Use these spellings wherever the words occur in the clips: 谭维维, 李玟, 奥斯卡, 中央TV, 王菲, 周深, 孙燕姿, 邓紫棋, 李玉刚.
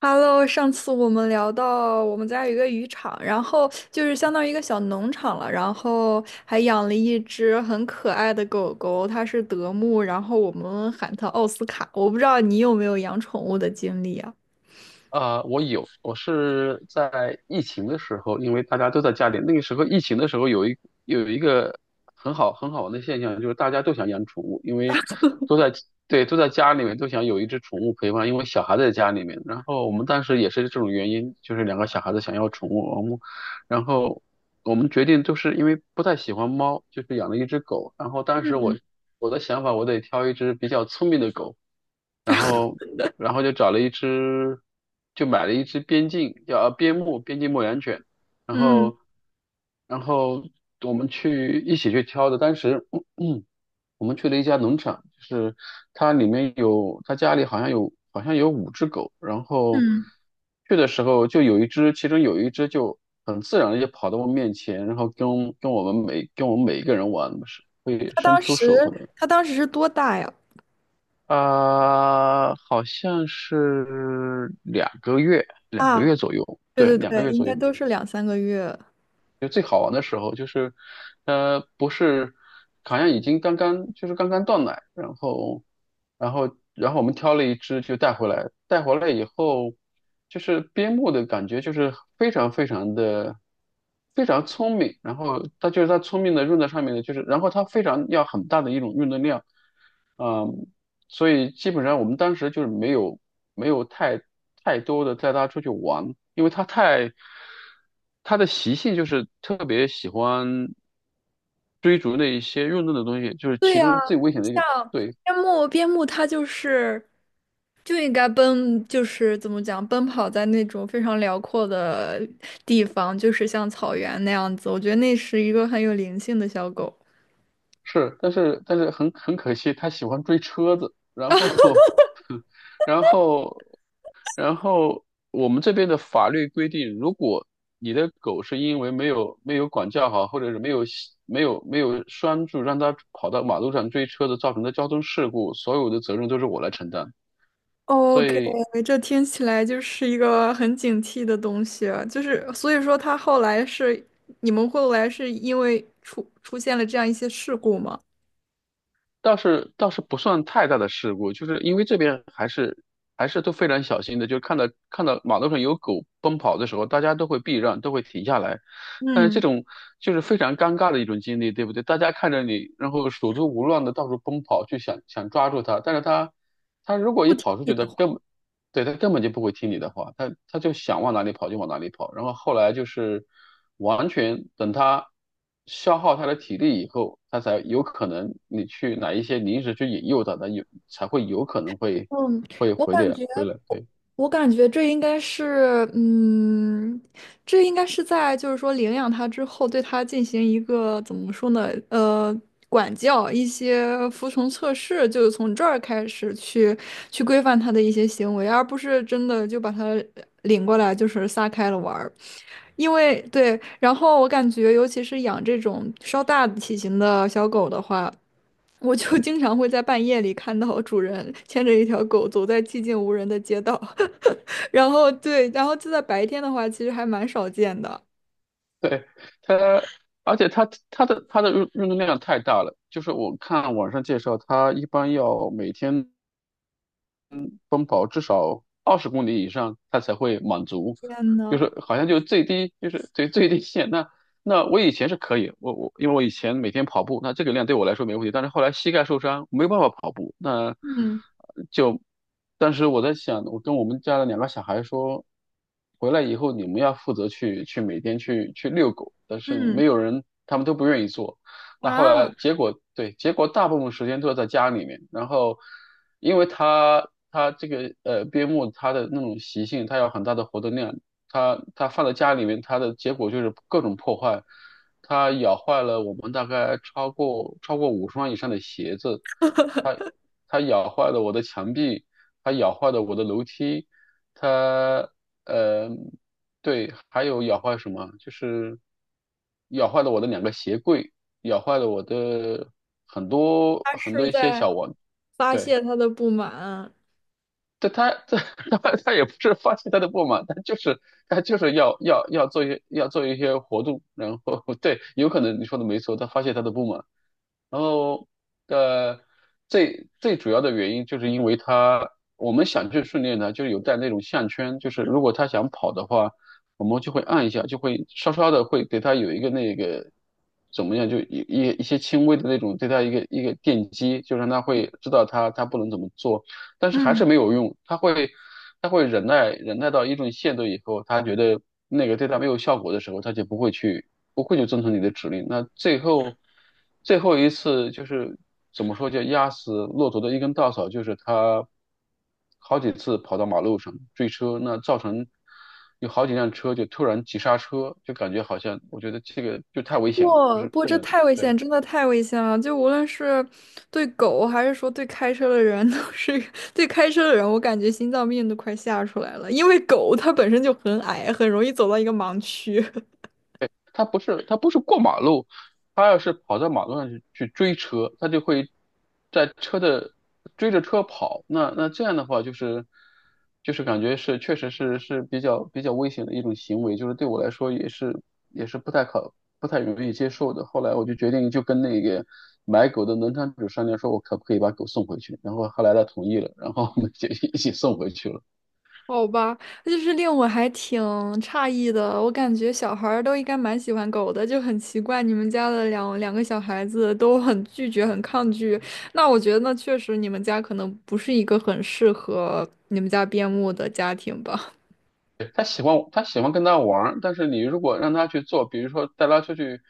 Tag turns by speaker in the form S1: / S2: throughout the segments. S1: Hello，上次我们聊到我们家有一个渔场，然后就是相当于一个小农场了，然后还养了一只很可爱的狗狗，它是德牧，然后我们喊它奥斯卡。我不知道你有没有养宠物的经历啊？
S2: 啊，我有，我是在疫情的时候，因为大家都在家里，那个时候疫情的时候有一个很好玩的现象，就是大家都想养宠物，因为都在对，都在家里面都想有一只宠物陪伴，因为小孩在家里面。然后我们当时也是这种原因，就是两个小孩子想要宠物，然后我们决定就是因为不太喜欢猫，就是养了一只狗。然后当时
S1: 嗯
S2: 我的想法，我得挑一只比较聪明的狗。然后然后就找了一只，就买了一只边境牧羊犬，然
S1: 嗯
S2: 后然后我们一起去挑的，当时 我们去了一家农场，就是它家里好像有五只狗，然后
S1: 嗯，
S2: 去的时候就有一只，其中有一只就很自然的就跑到我面前，然后跟我们每一个人玩，是会
S1: 它
S2: 伸
S1: 当
S2: 出手。
S1: 时它当时是多大呀？
S2: 好像是两个月，两个
S1: 啊，
S2: 月左右，
S1: 对
S2: 对，
S1: 对
S2: 两个
S1: 对，
S2: 月
S1: 应
S2: 左
S1: 该
S2: 右。
S1: 都是两三个月。
S2: 就最好玩的时候，就是，不是，好像已经刚刚就是刚刚断奶，然后我们挑了一只就带回来，带回来以后，就是边牧的感觉就是非常非常的非常聪明，然后它就是它聪明的用在上面的，就是然后它非常要很大的一种运动量。所以基本上我们当时就是没有太多的带他出去玩，因为他的习性就是特别喜欢追逐那一些运动的东西，就是
S1: 对
S2: 其
S1: 呀，
S2: 中最危险的一个。对。
S1: 边牧它就是就应该奔，就是怎么讲，奔跑在那种非常辽阔的地方，就是像草原那样子。我觉得那是一个很有灵性的小狗。
S2: 是，但是很可惜，他喜欢追车子，然后 然后然后我们这边的法律规定，如果你的狗是因为没有管教好，或者是没有系没有没有拴住，让它跑到马路上追车子造成的交通事故，所有的责任都是我来承担。所
S1: OK，
S2: 以
S1: 这听起来就是一个很警惕的东西啊。就是所以说，它后来是你们后来是因为出现了这样一些事故吗？
S2: 倒是不算太大的事故，就是因为这边还是都非常小心的，就是看到马路上有狗奔跑的时候，大家都会避让，都会停下来。但是这
S1: 嗯，
S2: 种就是非常尴尬的一种经历，对不对？大家看着你，然后手足无乱的到处奔跑，去想想抓住它，但是它如果
S1: 不
S2: 一
S1: 听
S2: 跑出
S1: 你
S2: 去它
S1: 的话。
S2: 根本对，他根本就不会听你的话，他就想往哪里跑就往哪里跑，然后后来就是完全等他消耗他的体力以后，他才有可能你去哪一些你一直去引诱他，才会有可能会
S1: 嗯，
S2: 会
S1: 我
S2: 回
S1: 感
S2: 的
S1: 觉，
S2: 回来。对
S1: 我感觉这应该是在就是说领养它之后，对它进行一个怎么说呢？管教一些服从测试，就是从这儿开始去规范它的一些行为，而不是真的就把它领过来就是撒开了玩儿。因为对，然后我感觉，尤其是养这种稍大体型的小狗的话。我就经常会在半夜里看到主人牵着一条狗走在寂静无人的街道，然后对，然后就在白天的话，其实还蛮少见的。
S2: 对，他而且他的运动量太大了，就是我看网上介绍，他一般要每天，奔跑至少20公里以上，它才会满足，
S1: 天
S2: 就
S1: 呐，
S2: 是好像就是最低限。那我以前是可以，我因为我以前每天跑步，那这个量对我来说没问题。但是后来膝盖受伤，没有办法跑步，
S1: 嗯
S2: 就，但是我在想，我跟我们家的两个小孩说，回来以后你们要负责去每天去遛狗，但是
S1: 嗯
S2: 没有人，他们都不愿意做。那后来
S1: 啊，
S2: 结果对，结果大部分时间都是在家里面。然后，因为它这个边牧它的那种习性，它有很大的活动量，它放在家里面，它的结果就是各种破坏。它咬坏了我们大概超过五双以上的鞋子，它它咬坏了我的墙壁，它咬坏了我的楼梯，它呃，对，还有咬坏什么？就是咬坏了我的两个鞋柜，咬坏了我的很多
S1: 他
S2: 很多
S1: 是
S2: 一些
S1: 在
S2: 小玩，
S1: 发
S2: 对。
S1: 泄他的不满。
S2: 这他这 他也不是发泄他的不满，他就是要做一些活动，然后 对，有可能你说的没错，他发泄他的不满。然后，呃，最主要的原因就是因为他，我们想去训练呢，就是有带那种项圈，就是如果他想跑的话，我们就会按一下，就会稍稍的会给他有一个那个怎么样，就一些轻微的那种对他一个一个电击，就让他会知道他不能怎么做，但是还
S1: 嗯，
S2: 是没有用，他会忍耐忍耐到一定限度以后，他觉得那个对他没有效果的时候，他就不会去，不会就遵从你的指令。那最后最后一次就是怎么说叫压死骆驼的一根稻草，就是他好几次跑到马路上追车，那造成有好几辆车就突然急刹车，就感觉好像我觉得这个就太危险了，就
S1: 不
S2: 是
S1: 不，
S2: 不
S1: 这
S2: 能
S1: 太危
S2: 对。
S1: 险，真的太危险了。就无论是对狗，还是说对开车的人，都是 对开车的人，我感觉心脏病都快吓出来了，因为狗它本身就很矮，很容易走到一个盲区。
S2: 他不是过马路，他要是跑到马路上去追车，他就会在车的追着车跑。那这样的话，就是感觉是确实是比较危险的一种行为，就是对我来说也是不太容易接受的。后来我就决定就跟那个买狗的农场主商量，说我可不可以把狗送回去，然后后来他同意了，然后我们就一起送回去了。
S1: 好吧，就是令我还挺诧异的。我感觉小孩儿都应该蛮喜欢狗的，就很奇怪，你们家的两个小孩子都很拒绝、很抗拒。那我觉得那确实你们家可能不是一个很适合你们家边牧的家庭吧。
S2: 对，他喜欢跟他玩儿，但是你如果让他去做，比如说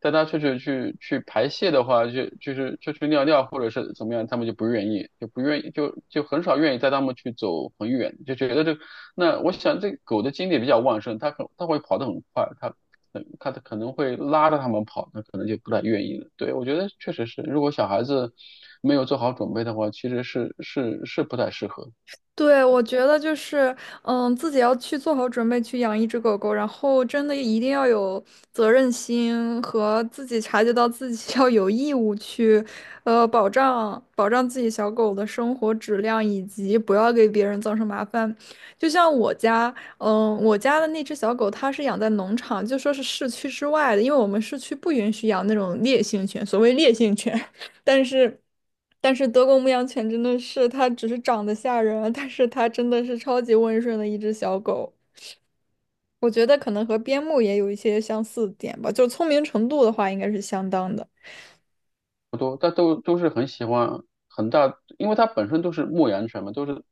S2: 带他出去，去排泄的话，就去尿尿或者是怎么样，他们就不愿意，就不愿意，就很少愿意带他们去走很远，就觉得这那我想这狗的精力比较旺盛，它会跑得很快，它可能会拉着他们跑，那可能就不太愿意了。对，我觉得确实是，如果小孩子没有做好准备的话，其实是不太适合。
S1: 对，我觉得就是，自己要去做好准备去养一只狗狗，然后真的一定要有责任心和自己察觉到自己 要有义务去，保障保障自己小狗的生活质量，以及不要给别人造成麻烦。就像我家，我家的那只小狗，它是养在农场，就说是市区之外的，因为我们市区不允许养那种烈性犬，所谓烈性犬。但是，但是，德国牧羊犬真的是，它只是长得吓人啊，但是它真的是超级温顺的一只小狗。我觉得可能和边牧也有一些相似点吧，就聪明程度的话，应该是相当的。
S2: 不多，但都是很喜欢很大，因为它本身都是牧羊犬嘛，都是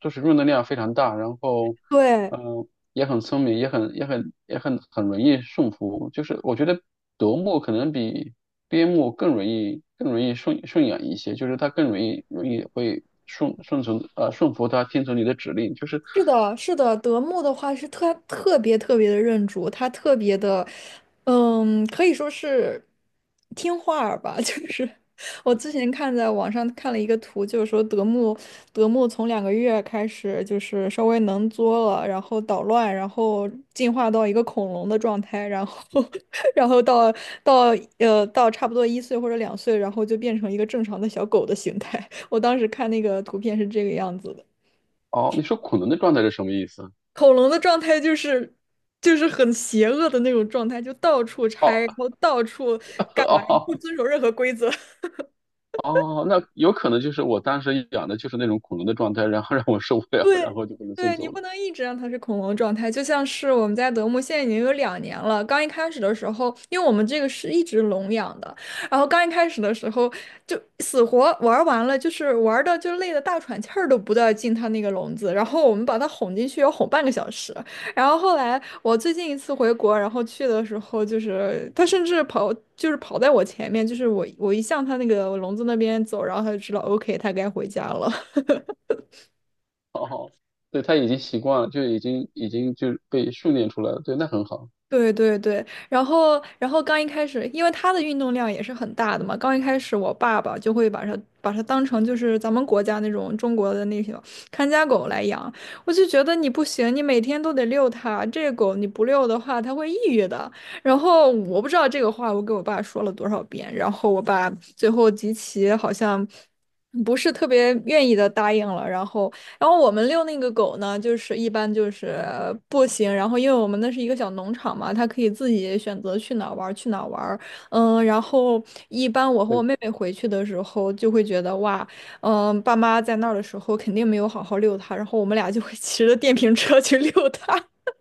S2: 都是运动量非常大，然后
S1: 对，
S2: 嗯，也很聪明，也很容易驯服。就是我觉得德牧可能比边牧更容易养一些，就是它更容易会顺服它，听从你的指令。
S1: 是的，是的，德牧的话是特别特别的认主，它特别的，可以说是听话儿吧。就是我之前看在网上看了一个图，就是说德牧从2个月开始就是稍微能作了，然后捣乱，然后进化到一个恐龙的状态，然后 然后到到差不多1岁或者2岁，然后就变成一个正常的小狗的形态。我当时看那个图片是这个样子的。
S2: 哦，你说恐龙的状态是什么意思？
S1: 恐龙的状态就是很邪恶的那种状态，就到处拆，然
S2: 哦
S1: 后到处干 嘛，不
S2: 哦
S1: 遵守任何规则。
S2: 哦，那有可能就是我当时养的就是那种恐龙的状态，然后让我受不
S1: 对，
S2: 了，然后就把它送
S1: 对你
S2: 走了。
S1: 不能一直让它是恐龙状态，就像是我们家德牧现在已经有2年了。刚一开始的时候，因为我们这个是一直笼养的，然后刚一开始的时候就死活玩儿完了，就是玩的就累得大喘气儿都不带进它那个笼子，然后我们把它哄进去要哄半个小时。然后后来我最近一次回国，然后去的时候就是它甚至跑就是跑在我前面，就是我一向它那个笼子那边走，然后它就知道 OK 它该回家了。
S2: 哦，对，它已经习惯了，就已经就被训练出来了。对，那很好。
S1: 对对对，然后刚一开始，因为他的运动量也是很大的嘛，刚一开始我爸爸就会把它当成就是咱们国家那种中国的那种看家狗来养，我就觉得你不行，你每天都得遛它，这个狗你不遛的话，它会抑郁的。然后我不知道这个话我给我爸说了多少遍，然后我爸最后极其好像不是特别愿意的答应了，然后然后我们遛那个狗呢，就是一般就是步行，然后因为我们那是一个小农场嘛，它可以自己选择去哪儿玩儿去哪儿玩儿然后一般我和我
S2: 对，
S1: 妹妹回去的时候就会觉得哇，爸妈在那儿的时候肯定没有好好遛它，然后我们俩就会 骑着电瓶车去遛它。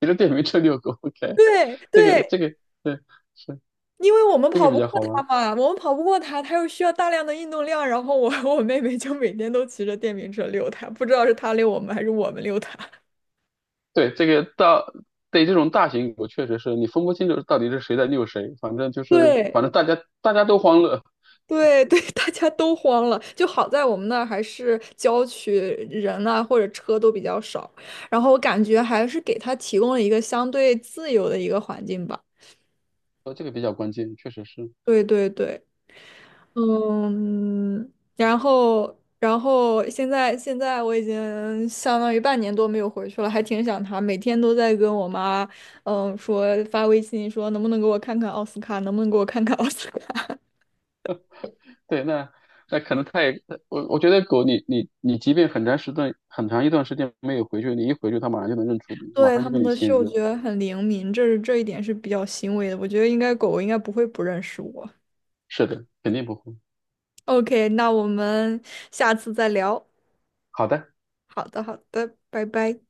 S2: 骑着电瓶车遛狗 ，OK，
S1: 对
S2: 这个这
S1: 对，
S2: 个对，是
S1: 因为我们
S2: 这个
S1: 跑
S2: 比
S1: 不
S2: 较
S1: 过
S2: 好
S1: 它
S2: 玩。
S1: 嘛，我们跑不过它，它又需要大量的运动量，然后我和我妹妹就每天都骑着电瓶车遛它，不知道是它遛我们还是我们遛它。
S2: 对，这个到对这种大型狗确实是你分不清楚到底是谁在遛谁，反正就 是反
S1: 对，
S2: 正大家都欢乐，
S1: 对对，大家都慌了。就好在我们那儿还是郊区，人啊或者车都比较少，然后我感觉还是给他提供了一个相对自由的一个环境吧。
S2: 哦，这个比较关键，确实是。
S1: 对对对，嗯，然后现在我已经相当于半年多没有回去了，还挺想他，每天都在跟我妈，说发微信说能不能给我看看奥斯卡，能不能给我看看奥斯卡。
S2: 对，那可能他也，我觉得狗你，你即便很长一段时间没有回去，你一回去，它马上就能认出你，马
S1: 对，
S2: 上
S1: 它
S2: 就
S1: 们
S2: 跟你
S1: 的
S2: 亲
S1: 嗅
S2: 热。
S1: 觉很灵敏，这一点是比较欣慰的。我觉得应该狗狗应该不会不认识我。
S2: 是的，肯定不会。
S1: OK，那我们下次再聊。
S2: 好的。
S1: 好的，好的，拜拜。